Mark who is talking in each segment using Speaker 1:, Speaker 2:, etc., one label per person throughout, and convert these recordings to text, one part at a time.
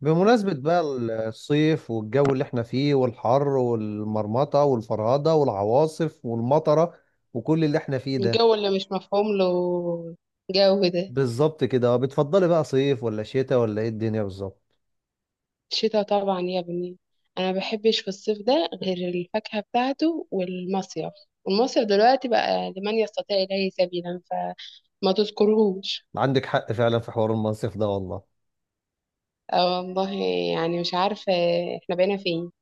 Speaker 1: بمناسبة بقى الصيف والجو اللي احنا فيه والحر والمرمطة والفرهدة والعواصف والمطرة وكل اللي احنا فيه ده.
Speaker 2: الجو اللي مش مفهوم له جو ده.
Speaker 1: بالظبط كده. اه، بتفضلي بقى صيف ولا شتاء ولا ايه الدنيا بالظبط؟
Speaker 2: الشتاء طبعا يا بني، انا ما بحبش في الصيف ده غير الفاكهة بتاعته والمصيف. والمصيف دلوقتي بقى لمن يستطيع اليه سبيلا فما تذكرهوش.
Speaker 1: عندك حق فعلا في حوار المنصف ده والله.
Speaker 2: آه والله. يعني مش عارفة، احنا بقينا فين؟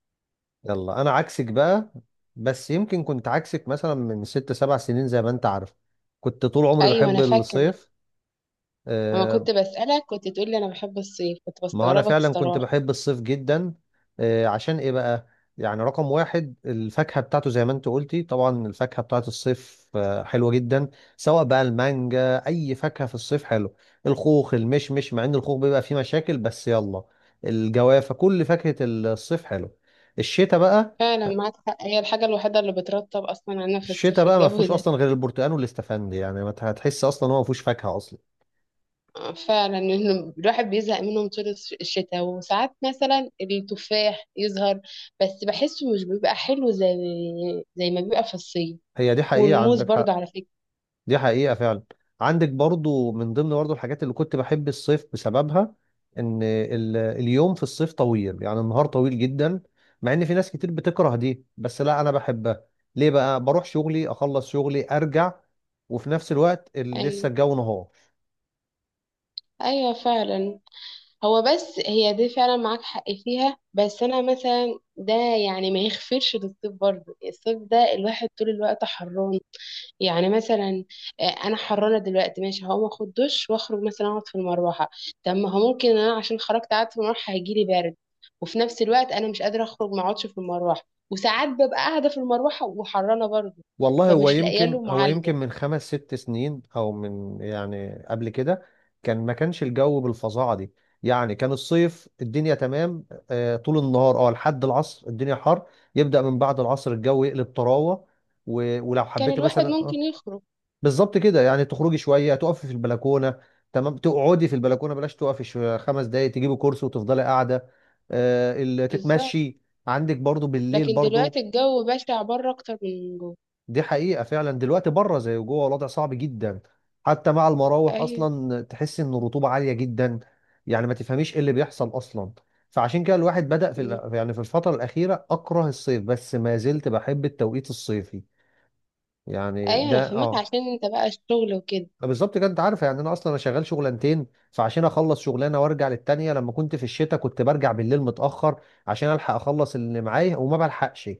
Speaker 1: يلا انا عكسك بقى. بس يمكن كنت عكسك مثلا من ست سبع سنين زي ما انت عارف. كنت طول عمري
Speaker 2: ايوه
Speaker 1: بحب
Speaker 2: انا فاكرة.
Speaker 1: الصيف.
Speaker 2: لما
Speaker 1: آه.
Speaker 2: كنت بسألك كنت تقول لي انا بحب الصيف، كنت
Speaker 1: ما انا
Speaker 2: بستغربك
Speaker 1: فعلا كنت
Speaker 2: الصراحة.
Speaker 1: بحب الصيف جدا. عشان ايه بقى؟ يعني رقم واحد الفاكهة بتاعته زي ما انت قلتي. طبعا الفاكهة بتاعت الصيف حلوة جدا. سواء بقى المانجا، اي فاكهة في الصيف حلو. الخوخ، المشمش، مع ان الخوخ بيبقى فيه مشاكل بس يلا. الجوافة، كل فاكهة الصيف حلو. الشتاء بقى،
Speaker 2: فعلا معاك حق، هي الحاجة الوحيدة اللي بترطب اصلا انا في
Speaker 1: الشتاء
Speaker 2: الصيف
Speaker 1: بقى ما
Speaker 2: الجو
Speaker 1: فيهوش
Speaker 2: ده.
Speaker 1: اصلا غير البرتقال والاستفندي. يعني ما هتحس اصلا، هو ما فيهوش فاكهة اصلا.
Speaker 2: فعلا انه الواحد بيزهق منهم طول الشتاء، وساعات مثلا التفاح يظهر بس بحسه مش بيبقى حلو زي ما بيبقى في الصيف.
Speaker 1: هي دي حقيقة،
Speaker 2: والموز
Speaker 1: عندك
Speaker 2: برضه
Speaker 1: حق.
Speaker 2: على فكرة.
Speaker 1: دي حقيقة فعلا. عندك برضو من ضمن برضو الحاجات اللي كنت بحب الصيف بسببها ان اليوم في الصيف طويل، يعني النهار طويل جدا. مع ان في ناس كتير بتكره دي، بس لا انا بحبها. ليه بقى؟ بروح شغلي اخلص شغلي ارجع وفي نفس الوقت لسه
Speaker 2: ايوه.
Speaker 1: الجو نهار.
Speaker 2: ايوه فعلا. هو بس هي دي فعلا معاك حق فيها، بس انا مثلا ده يعني ما يغفرش للصيف برضه. الصيف ده الواحد طول الوقت حران، يعني مثلا انا حرانه دلوقتي، ماشي هقوم اخد دش واخرج مثلا اقعد في المروحه. طب ما هو ممكن انا عشان خرجت قعدت في المروحه هيجيلي برد، وفي نفس الوقت انا مش قادره اخرج ما اقعدش في المروحه. وساعات ببقى قاعده في المروحه وحرانه برضه،
Speaker 1: والله هو
Speaker 2: فمش لاقيه
Speaker 1: يمكن
Speaker 2: له
Speaker 1: هو
Speaker 2: معالجه.
Speaker 1: يمكن من خمس ست سنين او من يعني قبل كده كان ما كانش الجو بالفظاعه دي. يعني كان الصيف الدنيا تمام. طول النهار لحد العصر الدنيا حر. يبدأ من بعد العصر الجو يقلب طراوه. ولو
Speaker 2: كان
Speaker 1: حبيت
Speaker 2: الواحد
Speaker 1: مثلا
Speaker 2: ممكن يخرج.
Speaker 1: بالظبط كده، يعني تخرجي شويه، تقفي في البلكونه. تمام، تقعدي في البلكونه، بلاش تقفي، خمس دقايق تجيبي كرسي وتفضلي قاعده.
Speaker 2: بالظبط.
Speaker 1: تتمشي. عندك برضو بالليل
Speaker 2: لكن دلوقتي
Speaker 1: برضو.
Speaker 2: الجو بشع بره اكتر من جوه.
Speaker 1: دي حقيقة فعلا. دلوقتي بره زي جوه، الوضع صعب جدا. حتى مع المراوح
Speaker 2: ايوه.
Speaker 1: أصلا تحس إن الرطوبة عالية جدا. يعني ما تفهميش إيه اللي بيحصل أصلا. فعشان كده الواحد بدأ في
Speaker 2: م.
Speaker 1: يعني في الفترة الأخيرة أكره الصيف، بس ما زلت بحب التوقيت الصيفي. يعني
Speaker 2: ايوه انا
Speaker 1: ده
Speaker 2: فهمك عشان انت بقى الشغل وكده.
Speaker 1: بالظبط كده. أنت عارف، يعني أنا أصلا أنا شغال شغلانتين. فعشان أخلص شغلانة وأرجع للتانية لما كنت في الشتاء كنت برجع بالليل متأخر عشان ألحق أخلص اللي معايا وما بلحقش.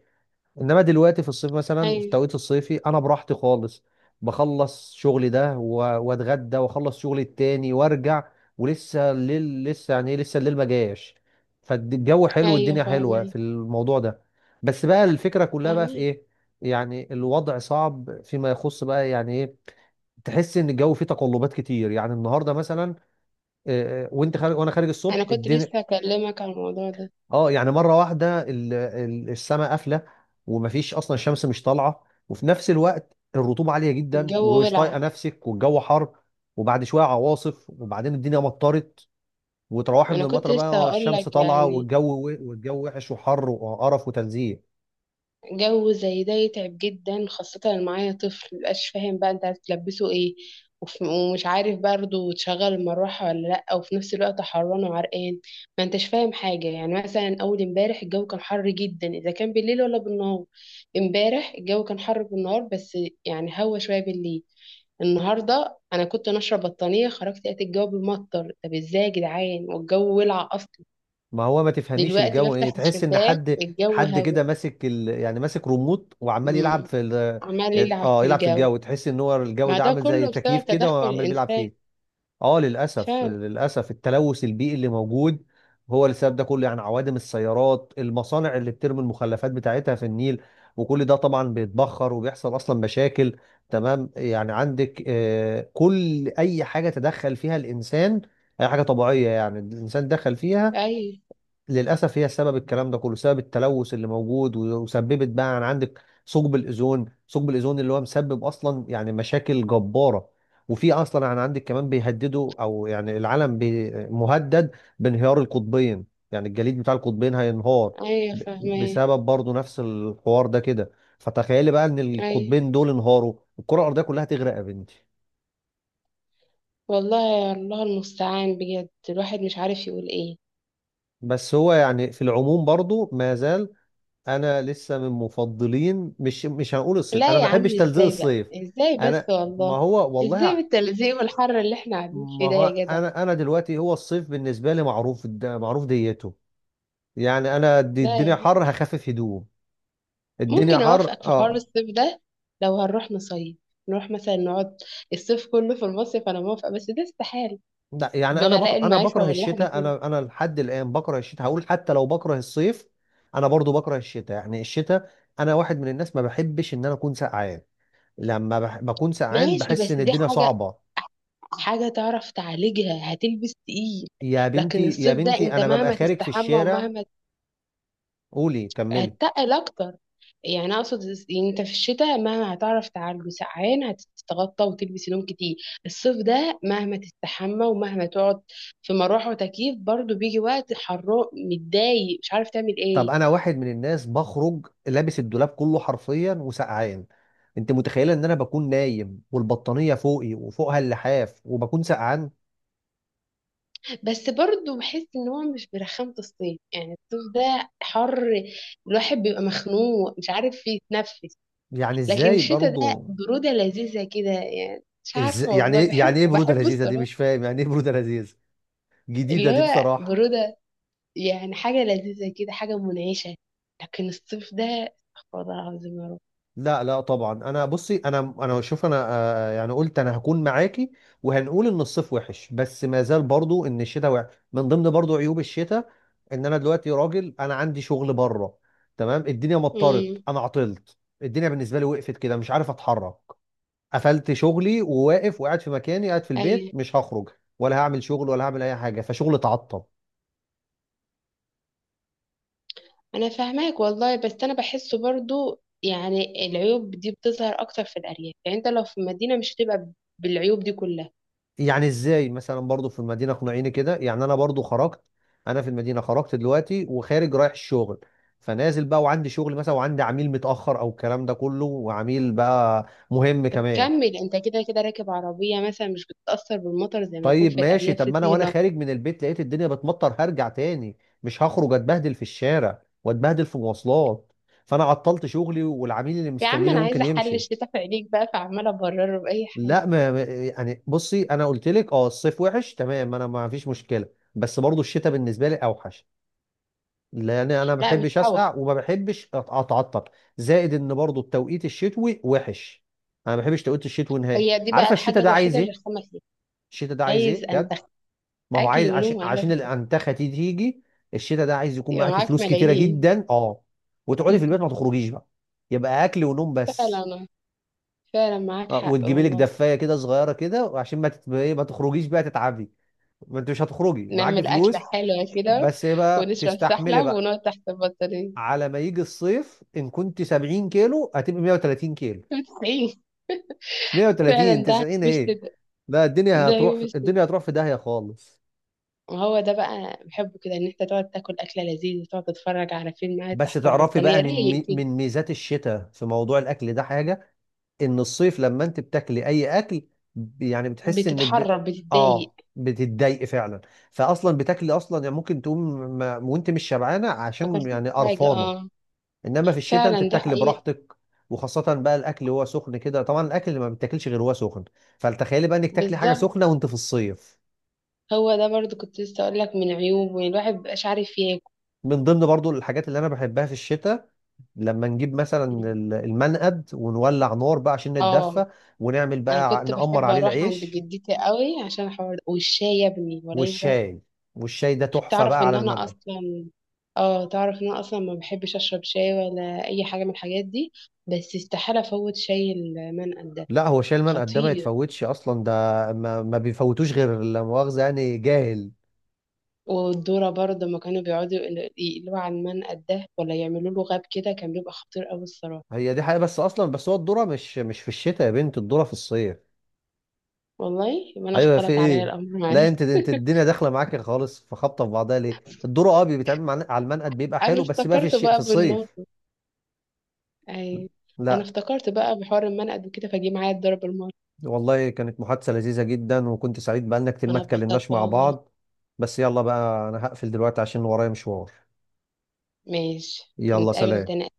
Speaker 1: انما دلوقتي في الصيف مثلا في
Speaker 2: ايوه.
Speaker 1: التوقيت الصيفي انا براحتي خالص. بخلص شغلي ده واتغدى واخلص شغلي التاني وارجع، ولسه الليل، لسه يعني ايه، لسه الليل ما جاش. فالجو حلو
Speaker 2: ايوه
Speaker 1: والدنيا حلوه
Speaker 2: فاهمه.
Speaker 1: في الموضوع ده. بس بقى الفكره كلها بقى في
Speaker 2: فاهمه.
Speaker 1: ايه؟ يعني الوضع صعب فيما يخص بقى يعني ايه. تحس ان الجو فيه تقلبات كتير. يعني النهارده مثلا، وانت خارج وانا خارج الصبح
Speaker 2: انا كنت
Speaker 1: الدنيا
Speaker 2: لسه هكلمك عن الموضوع ده.
Speaker 1: اه يعني مره واحده السماء قافله، ومفيش اصلا، الشمس مش طالعه، وفي نفس الوقت الرطوبه عاليه جدا
Speaker 2: الجو
Speaker 1: ومش طايقه
Speaker 2: ولع.
Speaker 1: نفسك والجو حر. وبعد شويه عواصف وبعدين الدنيا مطرت. وتروحي من
Speaker 2: انا كنت
Speaker 1: المطره
Speaker 2: لسه
Speaker 1: بقى
Speaker 2: هقول
Speaker 1: الشمس
Speaker 2: لك،
Speaker 1: طالعه،
Speaker 2: يعني
Speaker 1: والجو والجو وحش وحر وقرف وتنزيه.
Speaker 2: جو زي ده يتعب جدا، خاصة لو معايا طفل مبقاش فاهم بقى انت هتلبسه ايه. ومش عارف برضه تشغل المروحة ولا لأ، وفي نفس الوقت حران وعرقان. ما انتش فاهم حاجة. يعني مثلا أول امبارح الجو كان حر جدا، إذا كان بالليل ولا بالنهار. امبارح الجو كان حر بالنهار بس، يعني هوا شوية بالليل. النهاردة أنا كنت ناشرة بطانية، خرجت لقيت الجو بيمطر. طب ازاي يا جدعان والجو ولع أصلا؟
Speaker 1: ما هو ما تفهميش
Speaker 2: دلوقتي
Speaker 1: الجو ايه.
Speaker 2: بفتح
Speaker 1: تحس ان
Speaker 2: الشباك
Speaker 1: حد،
Speaker 2: الجو
Speaker 1: حد
Speaker 2: هوا.
Speaker 1: كده ماسك يعني ماسك ريموت وعمال يلعب
Speaker 2: مم.
Speaker 1: في
Speaker 2: عمال يلعب
Speaker 1: اه
Speaker 2: في
Speaker 1: يلعب في
Speaker 2: الجو.
Speaker 1: الجو. تحس ان هو الجو
Speaker 2: مع
Speaker 1: ده
Speaker 2: ده
Speaker 1: عامل زي
Speaker 2: كله
Speaker 1: تكييف
Speaker 2: بسبب
Speaker 1: كده
Speaker 2: تدخل
Speaker 1: وعمال بيلعب
Speaker 2: الإنسان.
Speaker 1: فيه. اه للاسف
Speaker 2: فاهم.
Speaker 1: للاسف التلوث البيئي اللي موجود هو اللي السبب ده كله. يعني عوادم السيارات، المصانع اللي بترمي المخلفات بتاعتها في النيل، وكل ده طبعا بيتبخر وبيحصل اصلا مشاكل. تمام، يعني عندك كل اي حاجه تدخل فيها الانسان، اي حاجه طبيعيه يعني الانسان دخل فيها
Speaker 2: أي.
Speaker 1: للأسف، هي سبب الكلام ده كله، سبب التلوث اللي موجود. وسببت بقى عن عندك ثقب الأوزون اللي هو مسبب أصلا يعني مشاكل جبارة. وفي أصلا عن عندك كمان بيهددوا، أو يعني العالم مهدد بانهيار القطبين. يعني الجليد بتاع القطبين هينهار
Speaker 2: أي فاهمة.
Speaker 1: بسبب برضو نفس الحوار ده كده. فتخيلي بقى إن
Speaker 2: أي
Speaker 1: القطبين دول انهاروا الكرة الأرضية كلها تغرق يا بنتي.
Speaker 2: والله. يا الله المستعان، بجد الواحد مش عارف يقول إيه.
Speaker 1: بس هو يعني في العموم برضو ما زال انا لسه من مفضلين. مش هنقول الصيف،
Speaker 2: لا
Speaker 1: انا
Speaker 2: يا
Speaker 1: ما
Speaker 2: عم،
Speaker 1: بحبش تلزيق
Speaker 2: إزاي بقى؟
Speaker 1: الصيف.
Speaker 2: إزاي بس
Speaker 1: انا. ما
Speaker 2: والله؟
Speaker 1: هو والله
Speaker 2: إزاي
Speaker 1: ع-
Speaker 2: بالتلزيق والحر اللي إحنا قاعدين
Speaker 1: ما
Speaker 2: فيه ده
Speaker 1: هو
Speaker 2: يا جدع؟
Speaker 1: انا دلوقتي هو الصيف بالنسبه لي معروف معروف ديته. يعني انا، دي
Speaker 2: لا
Speaker 1: الدنيا
Speaker 2: يعني
Speaker 1: حر هخفف هدوم. الدنيا
Speaker 2: ممكن
Speaker 1: حر
Speaker 2: أوافقك في حوار
Speaker 1: اه
Speaker 2: الصيف ده لو هنروح نصيف، نروح مثلا نقعد الصيف كله في المصيف، أنا موافقة، بس ده استحالة
Speaker 1: لا يعني، انا
Speaker 2: بغلاء
Speaker 1: انا
Speaker 2: المعيشة
Speaker 1: بكره
Speaker 2: واللي احنا
Speaker 1: الشتاء.
Speaker 2: فيه ده.
Speaker 1: انا لحد الان بكره الشتاء، هقول حتى لو بكره الصيف انا برضو بكره الشتاء. يعني الشتاء، انا واحد من الناس ما بحبش ان انا اكون سقعان. لما بكون سقعان
Speaker 2: ماشي
Speaker 1: بحس
Speaker 2: بس
Speaker 1: ان
Speaker 2: دي
Speaker 1: الدنيا
Speaker 2: حاجة،
Speaker 1: صعبه.
Speaker 2: حاجة تعرف تعالجها، هتلبس تقيل.
Speaker 1: يا
Speaker 2: لكن
Speaker 1: بنتي يا
Speaker 2: الصيف ده
Speaker 1: بنتي،
Speaker 2: انت
Speaker 1: انا ببقى
Speaker 2: مهما
Speaker 1: خارج في
Speaker 2: تستحمى
Speaker 1: الشارع.
Speaker 2: ومهما،
Speaker 1: قولي، كملي.
Speaker 2: هتتقل اكتر. يعني اقصد يعني انت في الشتاء مهما هتعرف تعالجه سقعان، هتتغطى وتلبس هدوم كتير. الصيف ده مهما تستحمى ومهما تقعد في مروحة وتكييف، برضو بيجي وقت حرام متضايق مش عارف تعمل ايه.
Speaker 1: طب انا واحد من الناس بخرج لابس الدولاب كله حرفيا وسقعان. انت متخيله ان انا بكون نايم والبطانيه فوقي وفوقها اللحاف وبكون سقعان.
Speaker 2: بس برضه بحس ان هو مش برخامة الصيف، يعني الصيف ده حر، الواحد بيبقى مخنوق مش عارف يتنفس.
Speaker 1: يعني
Speaker 2: لكن
Speaker 1: ازاي
Speaker 2: الشتاء ده
Speaker 1: برضو؟
Speaker 2: برودة لذيذة كده، يعني مش عارفة
Speaker 1: يعني
Speaker 2: والله
Speaker 1: ايه، يعني ايه
Speaker 2: بحبه،
Speaker 1: بروده
Speaker 2: بحبه
Speaker 1: لذيذه دي؟
Speaker 2: الصراحة.
Speaker 1: مش فاهم يعني ايه بروده لذيذه
Speaker 2: اللي
Speaker 1: جديده دي
Speaker 2: هو
Speaker 1: بصراحه.
Speaker 2: برودة، يعني حاجة لذيذة كده، حاجة منعشة. لكن الصيف ده استغفر الله العظيم يا رب.
Speaker 1: لا لا طبعا، انا بصي، انا شوف، انا يعني قلت انا هكون معاكي وهنقول ان الصيف وحش، بس ما زال برضو ان الشتاء وحش. من ضمن برضو عيوب الشتاء ان انا دلوقتي راجل انا عندي شغل بره. تمام، الدنيا مطرت،
Speaker 2: امم.
Speaker 1: انا عطلت. الدنيا بالنسبه لي وقفت كده، مش عارف اتحرك. قفلت شغلي وواقف وقاعد في مكاني، قاعد في البيت
Speaker 2: ايوه
Speaker 1: مش هخرج ولا هعمل شغل ولا هعمل اي حاجه، فشغل اتعطل.
Speaker 2: انا فاهماك والله، بس انا بحسه برضو يعني العيوب دي بتظهر اكتر في الارياف، يعني انت لو في المدينة مش هتبقى بالعيوب دي كلها.
Speaker 1: يعني ازاي مثلا برضو في المدينه؟ اقنعيني كده. يعني انا برضو خرجت، انا في المدينه خرجت دلوقتي وخارج رايح الشغل، فنازل بقى وعندي شغل مثلا وعندي عميل متاخر او الكلام ده كله، وعميل بقى مهم
Speaker 2: طب
Speaker 1: كمان.
Speaker 2: كمل انت، كده كده راكب عربية مثلا مش بتتأثر بالمطر زي ما يكون
Speaker 1: طيب
Speaker 2: في
Speaker 1: ماشي،
Speaker 2: الأرياف
Speaker 1: طب
Speaker 2: في
Speaker 1: ما انا وانا
Speaker 2: طينة.
Speaker 1: خارج من البيت لقيت الدنيا بتمطر هرجع تاني، مش هخرج اتبهدل في الشارع واتبهدل في مواصلات. فانا عطلت شغلي والعميل اللي
Speaker 2: يا عم
Speaker 1: مستنيني
Speaker 2: أنا
Speaker 1: ممكن
Speaker 2: عايزة أحل
Speaker 1: يمشي.
Speaker 2: الشتاء في عينيك بقى، فعمالة أبرره بأي حاجة.
Speaker 1: لا يعني بصي، انا قلت لك الصيف وحش تمام انا ما فيش مشكله. بس برضو الشتاء بالنسبه لي اوحش، لان انا ما
Speaker 2: لا مش
Speaker 1: بحبش
Speaker 2: أوح.
Speaker 1: اسقع وما بحبش اتعطل. زائد ان برضو التوقيت الشتوي وحش. انا ما بحبش توقيت الشتوي نهائي.
Speaker 2: هي دي بقى
Speaker 1: عارفه الشتاء
Speaker 2: الحاجة
Speaker 1: ده عايز
Speaker 2: الوحيدة
Speaker 1: ايه؟
Speaker 2: الرخامة فيها.
Speaker 1: الشتاء ده عايز ايه
Speaker 2: عايز
Speaker 1: بجد؟
Speaker 2: أنتخ.
Speaker 1: ما هو
Speaker 2: أكل
Speaker 1: عايز،
Speaker 2: ونوم
Speaker 1: عشان
Speaker 2: وقاعدة
Speaker 1: عشان
Speaker 2: تحت
Speaker 1: الانتخه دي تيجي. الشتاء ده عايز يكون
Speaker 2: الكرسي،
Speaker 1: معاكي
Speaker 2: معاك
Speaker 1: فلوس كتيره
Speaker 2: ملايين.
Speaker 1: جدا اه وتقعدي في البيت ما تخرجيش بقى. يبقى اكل ونوم
Speaker 2: فعلا
Speaker 1: بس.
Speaker 2: آه. فعلا معاك حق
Speaker 1: وتجيبي لك
Speaker 2: والله.
Speaker 1: دفايه كده صغيره كده، وعشان ما تت... إيه، ما تخرجيش بقى تتعبي، ما انت مش هتخرجي معاكي
Speaker 2: نعمل أكلة
Speaker 1: فلوس.
Speaker 2: حلوة كده،
Speaker 1: بس ايه بقى،
Speaker 2: ونشرب
Speaker 1: تستحملي
Speaker 2: سحلب
Speaker 1: بقى
Speaker 2: ونقعد تحت البطانية.
Speaker 1: على ما يجي الصيف ان كنت 70 كيلو هتبقى 130 كيلو.
Speaker 2: 90.
Speaker 1: 130،
Speaker 2: فعلا ده
Speaker 1: 90
Speaker 2: مش ده.
Speaker 1: ايه؟ لا الدنيا
Speaker 2: ده يوم
Speaker 1: هتروح
Speaker 2: الشتاء.
Speaker 1: الدنيا هتروح في داهية خالص.
Speaker 2: هو ده بقى بحبه كده، ان انت تقعد تاكل اكله لذيذه وتقعد تتفرج على فيلم قاعد
Speaker 1: بس
Speaker 2: تحت
Speaker 1: تعرفي بقى
Speaker 2: البطانيه
Speaker 1: من
Speaker 2: رايق كده.
Speaker 1: من ميزات الشتاء في موضوع الاكل ده حاجة: ان الصيف لما انت بتاكلي اي اكل يعني بتحس انك
Speaker 2: بتتحرك بتتضايق.
Speaker 1: اه بتتضايقي فعلا. فاصلا بتاكلي اصلا، يعني ممكن تقوم ما... وانت مش شبعانة،
Speaker 2: ما
Speaker 1: عشان
Speaker 2: اكلتش
Speaker 1: يعني
Speaker 2: حاجه
Speaker 1: قرفانة.
Speaker 2: اه.
Speaker 1: انما في الشتاء انت
Speaker 2: فعلا دي
Speaker 1: بتاكل
Speaker 2: حقيقه.
Speaker 1: براحتك، وخاصة بقى الاكل هو سخن كده. طبعا الاكل اللي ما بتاكلش غير هو سخن، فتخيلي بقى انك تاكلي حاجة
Speaker 2: بالظبط.
Speaker 1: سخنة وانت في الصيف.
Speaker 2: هو ده برضو كنت لسه اقول لك من عيوبه، يعني الواحد مبيبقاش عارف ياكل.
Speaker 1: من ضمن برضو الحاجات اللي انا بحبها في الشتاء لما نجيب مثلا المنقد ونولع نار بقى عشان
Speaker 2: اه.
Speaker 1: نتدفى، ونعمل
Speaker 2: انا
Speaker 1: بقى
Speaker 2: كنت
Speaker 1: نقمر
Speaker 2: بحب
Speaker 1: عليه
Speaker 2: اروح عند
Speaker 1: العيش
Speaker 2: جدتي قوي عشان الحوار ده، والشاي يا ابني ولا ايش بس.
Speaker 1: والشاي. والشاي ده تحفة
Speaker 2: تعرف
Speaker 1: بقى على
Speaker 2: ان انا
Speaker 1: المنقد.
Speaker 2: اصلا، اه تعرف ان انا اصلا ما بحبش اشرب شاي ولا اي حاجه من الحاجات دي، بس استحاله افوت شاي المنقل ده.
Speaker 1: لا هو شاي المنقد ده ما
Speaker 2: خطير.
Speaker 1: يتفوتش اصلا ده. ما بيفوتوش غير لا مؤاخذة يعني جاهل.
Speaker 2: والدورة برضه لما كانوا بيقعدوا يقلوا على المنقد ده ولا يعملوا له غاب كده، كان بيبقى خطير قوي الصراحة.
Speaker 1: هي دي حقيقة، بس اصلا، بس هو الذرة مش في الشتاء يا بنت، الذرة في الصيف.
Speaker 2: والله يبقى انا
Speaker 1: ايوه، في
Speaker 2: اختلط عليا
Speaker 1: ايه؟
Speaker 2: الامر.
Speaker 1: لا
Speaker 2: معلش
Speaker 1: انت الدنيا داخله معاك خالص، في خبطه في بعضها. ليه الدور بيتعمل على المنقد بيبقى
Speaker 2: انا
Speaker 1: حلو، بس بقى في
Speaker 2: افتكرت
Speaker 1: الشيء في
Speaker 2: بقى بالنار.
Speaker 1: الصيف.
Speaker 2: اي. انا
Speaker 1: لا.
Speaker 2: افتكرت بقى بحوار المنقد وكده، فجه معايا الضرب المرة.
Speaker 1: والله كانت محادثه لذيذه جدا، وكنت سعيد بقالنا كتير ما
Speaker 2: انا اتبسطت
Speaker 1: اتكلمناش مع
Speaker 2: والله.
Speaker 1: بعض. بس يلا بقى، انا هقفل دلوقتي عشان ورايا مشوار.
Speaker 2: ماشي.
Speaker 1: يلا
Speaker 2: نتقابل
Speaker 1: سلام.
Speaker 2: تاني.